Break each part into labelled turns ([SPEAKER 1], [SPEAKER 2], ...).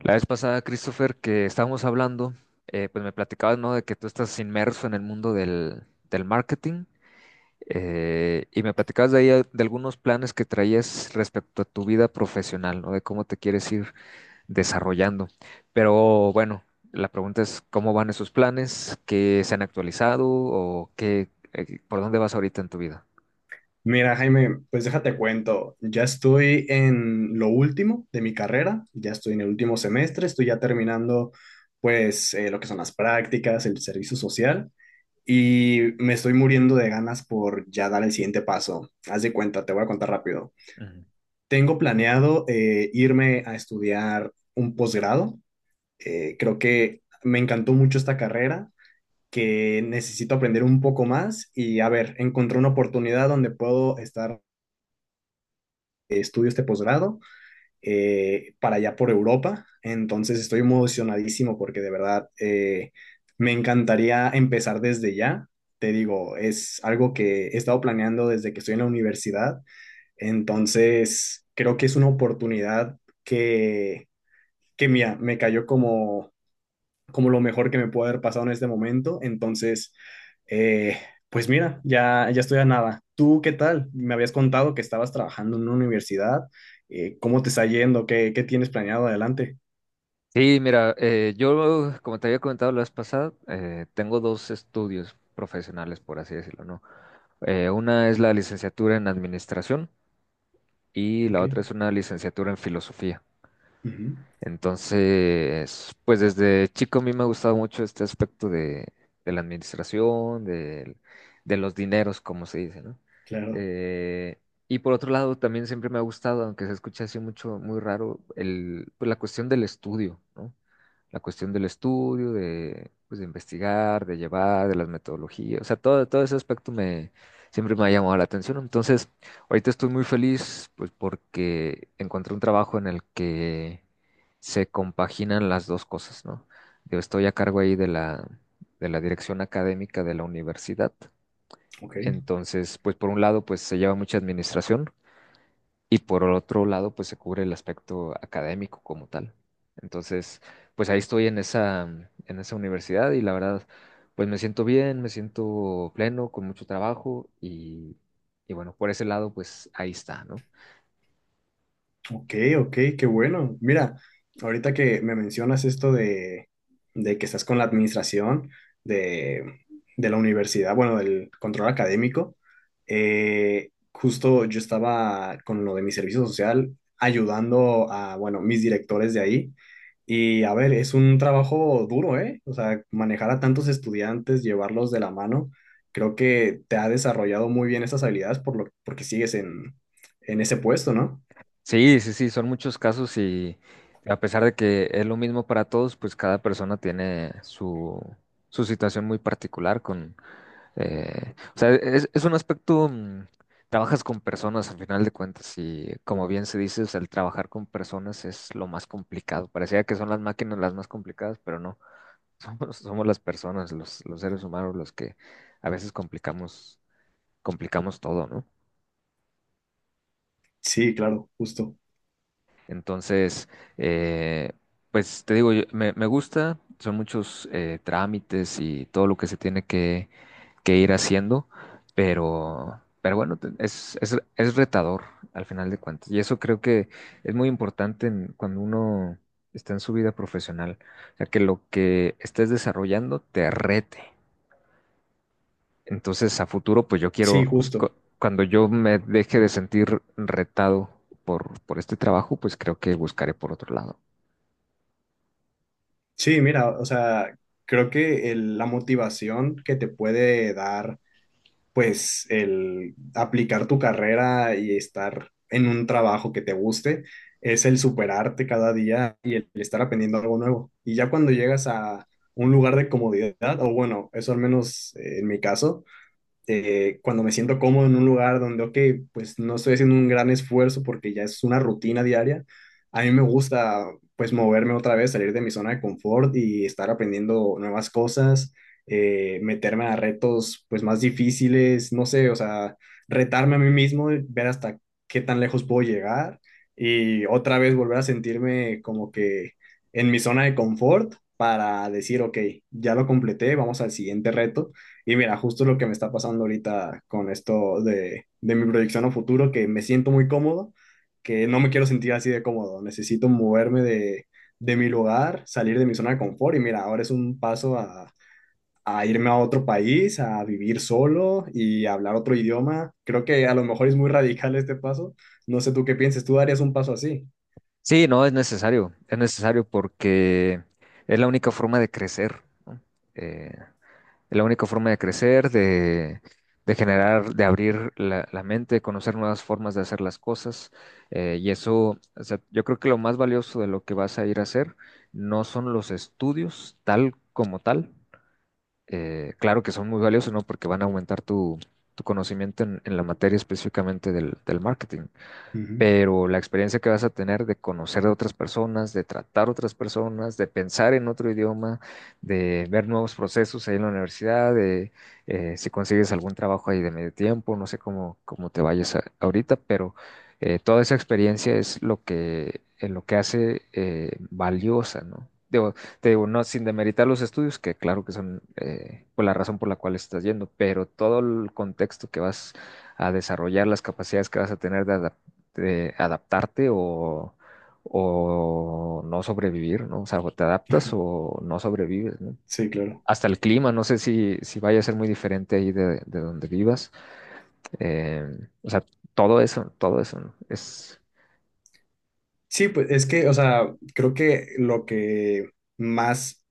[SPEAKER 1] La vez pasada, Christopher, que estábamos hablando, pues me platicabas, ¿no? De que tú estás inmerso en el mundo del marketing. Y me platicabas de ahí de algunos planes que traías respecto a tu vida profesional, ¿no? De cómo te quieres ir desarrollando. Pero bueno, la pregunta es, ¿cómo van esos planes? ¿Qué se han actualizado o qué, por dónde vas ahorita en tu vida?
[SPEAKER 2] Mira, Jaime, pues déjate cuento, ya estoy en lo último de mi carrera, ya estoy en el último semestre, estoy ya terminando pues lo que son las prácticas, el servicio social y me estoy muriendo de ganas por ya dar el siguiente paso. Haz de cuenta, te voy a contar rápido.
[SPEAKER 1] Ujú.
[SPEAKER 2] Tengo planeado irme a estudiar un posgrado. Creo que me encantó mucho esta carrera, que necesito aprender un poco más y a ver, encontré una oportunidad donde puedo estar estudios de posgrado para allá por Europa. Entonces estoy emocionadísimo porque de verdad, me encantaría empezar desde ya. Te digo, es algo que he estado planeando desde que estoy en la universidad. Entonces creo que es una oportunidad que, que mira, me cayó como, como lo mejor que me puede haber pasado en este momento. Entonces, eh, pues mira, ya, ya estoy a nada. ¿Tú qué tal? Me habías contado que estabas trabajando en una universidad. ¿Cómo te está yendo? ¿Qué, qué tienes planeado adelante?
[SPEAKER 1] Sí, mira, yo, como te había comentado la vez pasada, tengo dos estudios profesionales, por así decirlo, ¿no? Una es la licenciatura en administración y la
[SPEAKER 2] Ok.
[SPEAKER 1] otra es una licenciatura en filosofía.
[SPEAKER 2] Ujú.
[SPEAKER 1] Entonces, pues desde chico a mí me ha gustado mucho este aspecto de la administración, de, los dineros, como se dice, ¿no?
[SPEAKER 2] Claro.
[SPEAKER 1] Eh, y por otro lado, también siempre me ha gustado, aunque se escucha así mucho, muy raro, el, pues la cuestión del estudio, ¿no? La cuestión del estudio, de, pues, de investigar, de llevar, de las metodologías, o sea, todo ese aspecto me, siempre me ha llamado la atención. Entonces, ahorita estoy muy feliz, pues, porque encontré un trabajo en el que se compaginan las dos cosas, ¿no? Yo estoy a cargo ahí de de la dirección académica de la universidad.
[SPEAKER 2] Ok.
[SPEAKER 1] Entonces, pues por un lado, pues se lleva mucha administración, y por otro lado, pues se cubre el aspecto académico como tal. Entonces, pues ahí estoy en esa, en esa universidad y la verdad, pues me siento bien, me siento pleno, con mucho trabajo y bueno, por ese lado, pues ahí está, ¿no?
[SPEAKER 2] Ok, ok, qué bueno. Mira, ahorita que me mencionas esto de que estás con la administración de, de la universidad, bueno, del control académico, justo yo estaba con lo de mi servicio social ayudando a, bueno, mis directores de ahí. Y a ver, es un trabajo duro, ¿eh? O sea, manejar a tantos estudiantes, llevarlos de la mano, creo que te ha desarrollado muy bien esas habilidades por lo, porque sigues en ese puesto, ¿no?
[SPEAKER 1] Sí, sí, sí, son muchos casos y a pesar de que es lo mismo para todos, pues cada persona tiene su, su situación muy particular con, o sea, es un aspecto, trabajas con personas al final de cuentas y como bien se dice, o sea, el trabajar con personas es lo más complicado. Parecía que son las máquinas las más complicadas, pero no, somos las personas, los seres humanos los que a veces complicamos, complicamos todo, ¿no?
[SPEAKER 2] Sí, claro, justo.
[SPEAKER 1] Entonces, eh, pues te digo, me gusta, son muchos trámites y todo lo que se tiene que ir haciendo, pero bueno, es retador al final de cuentas. Y eso creo que es muy importante cuando uno está en su vida profesional, o sea, que lo que estés desarrollando te rete. Entonces, a futuro, pues yo
[SPEAKER 2] Sí,
[SPEAKER 1] quiero, cu-
[SPEAKER 2] justo.
[SPEAKER 1] cuando yo me deje de sentir retado por este trabajo, pues creo que buscaré por otro lado.
[SPEAKER 2] Sí, mira, o sea, creo que la motivación que te puede dar, pues, el aplicar tu carrera y estar en un trabajo que te guste, es el superarte cada día y el estar aprendiendo algo nuevo. Y ya cuando llegas a un lugar de comodidad, o bueno, eso al menos en mi caso, cuando me siento cómodo en un lugar donde, ok, pues no estoy haciendo un gran esfuerzo porque ya es una rutina diaria, a mí me gusta pues moverme otra vez, salir de mi zona de confort y estar aprendiendo nuevas cosas, meterme a retos pues más difíciles, no sé, o sea, retarme a mí mismo, ver hasta qué tan lejos puedo llegar y otra vez volver a sentirme como que en mi zona de confort para decir, ok, ya lo completé, vamos al siguiente reto y mira, justo lo que me está pasando ahorita con esto de mi proyección a futuro, que me siento muy cómodo, que no me quiero sentir así de cómodo, necesito moverme de mi lugar, salir de mi zona de confort y mira, ahora es un paso a irme a otro país, a vivir solo y a hablar otro idioma. Creo que a lo mejor es muy radical este paso. No sé tú qué piensas, tú darías un paso así.
[SPEAKER 1] Sí, no, es necesario porque es la única forma de crecer, ¿no? Eh, es la única forma de crecer, de generar, de abrir la, la mente, de conocer nuevas formas de hacer las cosas. Y eso, o sea, yo creo que lo más valioso de lo que vas a ir a hacer no son los estudios tal como tal. Claro que son muy valiosos, ¿no? Porque van a aumentar tu, tu conocimiento en la materia específicamente del, del marketing.
[SPEAKER 2] Ujú.
[SPEAKER 1] Pero la experiencia que vas a tener de conocer a otras personas, de tratar a otras personas, de pensar en otro idioma, de ver nuevos procesos ahí en la universidad, de si consigues algún trabajo ahí de medio tiempo, no sé cómo, ahorita, pero toda esa experiencia es lo que hace valiosa, ¿no? Digo, te digo, no, sin demeritar los estudios, que claro que son pues la razón por la cual estás yendo, pero todo el contexto que vas a desarrollar, las capacidades que vas a tener de adaptabilidad, adaptarte o no sobrevivir, ¿no? O sea, o te adaptas o no sobrevives, ¿no?
[SPEAKER 2] Sí, claro.
[SPEAKER 1] Hasta el clima, no sé si, si vaya a ser muy diferente ahí de donde vivas. Eh, o sea, todo eso, ¿no? Es,
[SPEAKER 2] Sí, pues es que, o sea, creo que lo que más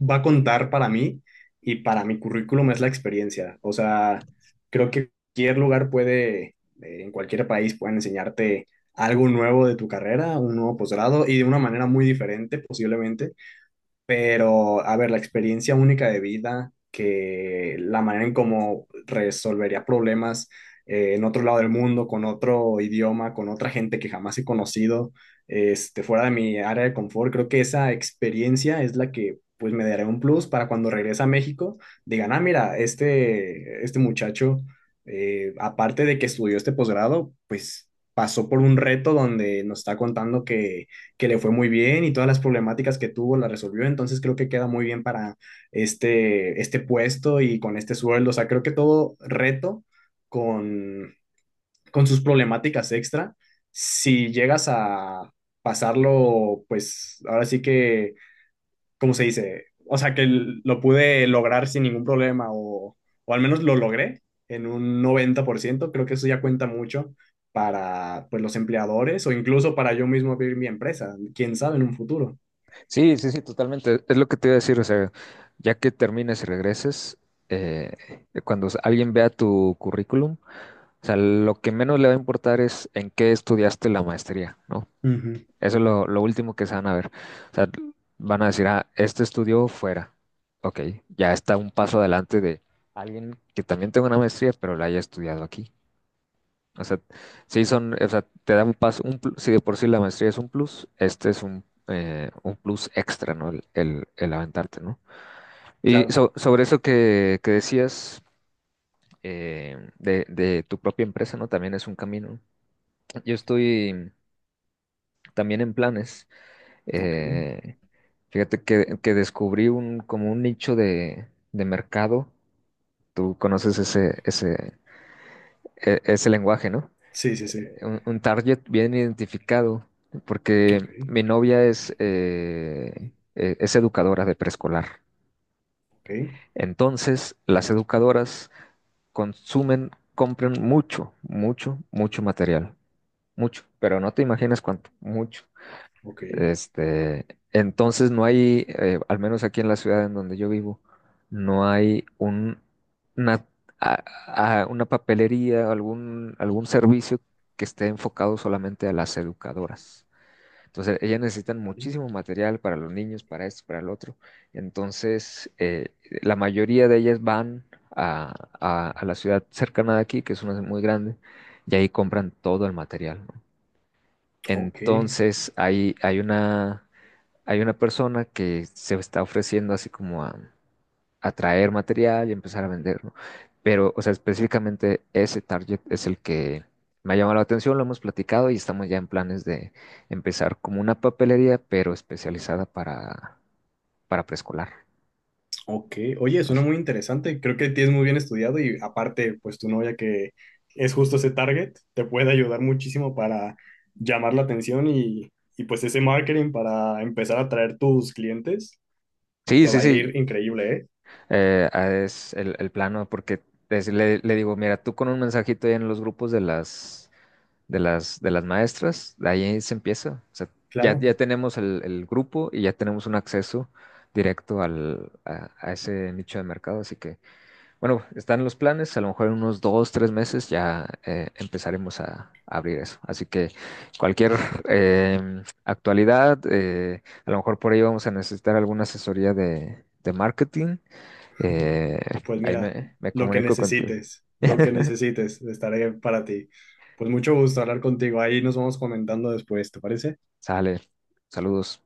[SPEAKER 2] va a contar para mí y para mi currículum es la experiencia. O sea, creo que cualquier lugar puede, en cualquier país pueden enseñarte algo nuevo de tu carrera, un nuevo posgrado y de una manera muy diferente posiblemente. Pero, a ver, la experiencia única de vida, que la manera en cómo resolvería problemas en otro lado del mundo, con otro idioma, con otra gente que jamás he conocido, este, fuera de mi área de confort, creo que esa experiencia es la que pues me dará un plus para cuando regrese a México, digan, ah, mira, este muchacho, aparte de que estudió este posgrado, pues pasó por un reto donde nos está contando que le fue muy bien y todas las problemáticas que tuvo las resolvió, entonces creo que queda muy bien para este, este puesto y con este sueldo, o sea, creo que todo reto con, con sus problemáticas extra, si llegas a pasarlo, pues ahora sí que ¿cómo se dice? O sea, que lo pude lograr sin ningún problema o al menos lo logré en un 90%. Creo que eso ya cuenta mucho para pues, los empleadores o incluso para yo mismo abrir mi empresa. ¿Quién sabe en un futuro?
[SPEAKER 1] sí, sí, sí, totalmente. Es lo que te iba a decir, o sea, ya que termines y regreses, cuando alguien vea tu currículum, o sea, lo que menos le va a importar es en qué estudiaste la maestría, ¿no?
[SPEAKER 2] Ujú.
[SPEAKER 1] Eso es lo último que se van a ver. O sea, van a decir, ah, este estudió fuera. Ok, ya está un paso adelante de alguien que también tenga una maestría, pero la haya estudiado aquí. O sea, sí son, o sea, te da un paso, un plus, si de por sí la maestría es un plus, este es un plus extra, ¿no? El aventarte, ¿no? Y
[SPEAKER 2] Claro.
[SPEAKER 1] sobre eso que decías de tu propia empresa, ¿no? También es un camino. Yo estoy también en planes.
[SPEAKER 2] Ok.
[SPEAKER 1] Eh, fíjate que descubrí un, como un nicho de mercado. Tú conoces ese, ese, ese lenguaje, ¿no?
[SPEAKER 2] Sí, sí, sí.
[SPEAKER 1] Un target bien identificado, porque
[SPEAKER 2] Ok.
[SPEAKER 1] mi novia es educadora de preescolar.
[SPEAKER 2] Ok.
[SPEAKER 1] Entonces, las educadoras consumen, compran mucho, mucho, mucho material. Mucho, pero no te imaginas cuánto, mucho.
[SPEAKER 2] Ok.
[SPEAKER 1] Este, entonces no hay, al menos aquí en la ciudad en donde yo vivo, no hay un, una, a- una papelería, algún, algún servicio que esté enfocado solamente a las educadoras. Entonces, ellas necesitan
[SPEAKER 2] Vale.
[SPEAKER 1] muchísimo material para los niños, para esto, para el otro. Entonces, la mayoría de ellas van a, a la ciudad cercana de aquí, que es una muy grande, y ahí compran todo el material, ¿no?
[SPEAKER 2] Ok.
[SPEAKER 1] Entonces, hay una persona que se está ofreciendo así como a traer material y empezar a venderlo. Pero, o sea, específicamente ese target es el que me ha llamado la atención, lo hemos platicado y estamos ya en planes de empezar como una papelería, pero especializada para preescolar.
[SPEAKER 2] Ok, oye, suena
[SPEAKER 1] Entonces,
[SPEAKER 2] muy interesante. Creo que tienes muy bien estudiado y aparte, pues tu novia que es justo ese target, te puede ayudar muchísimo para llamar la atención y pues ese marketing para empezar a atraer tus clientes,
[SPEAKER 1] sí,
[SPEAKER 2] te
[SPEAKER 1] sí,
[SPEAKER 2] va a
[SPEAKER 1] sí,
[SPEAKER 2] ir increíble, ¿eh?
[SPEAKER 1] ah, es el plano porque le, le digo, mira, tú con un mensajito ahí en los grupos de las de las maestras, de ahí se empieza. O sea, ya,
[SPEAKER 2] Claro.
[SPEAKER 1] ya tenemos el grupo y ya tenemos un acceso directo al, a ese nicho de mercado. Así que, bueno, están los planes. A lo mejor en unos dos, tres meses ya empezaremos a abrir eso. Así que cualquier actualidad, a lo mejor por ahí vamos a necesitar alguna asesoría de marketing. Eh,
[SPEAKER 2] Pues
[SPEAKER 1] ahí
[SPEAKER 2] mira,
[SPEAKER 1] me, me comunico contigo.
[SPEAKER 2] lo que necesites, estaré para ti. Pues mucho gusto hablar contigo. Ahí nos vamos comentando después, ¿te parece?
[SPEAKER 1] Sale. Saludos.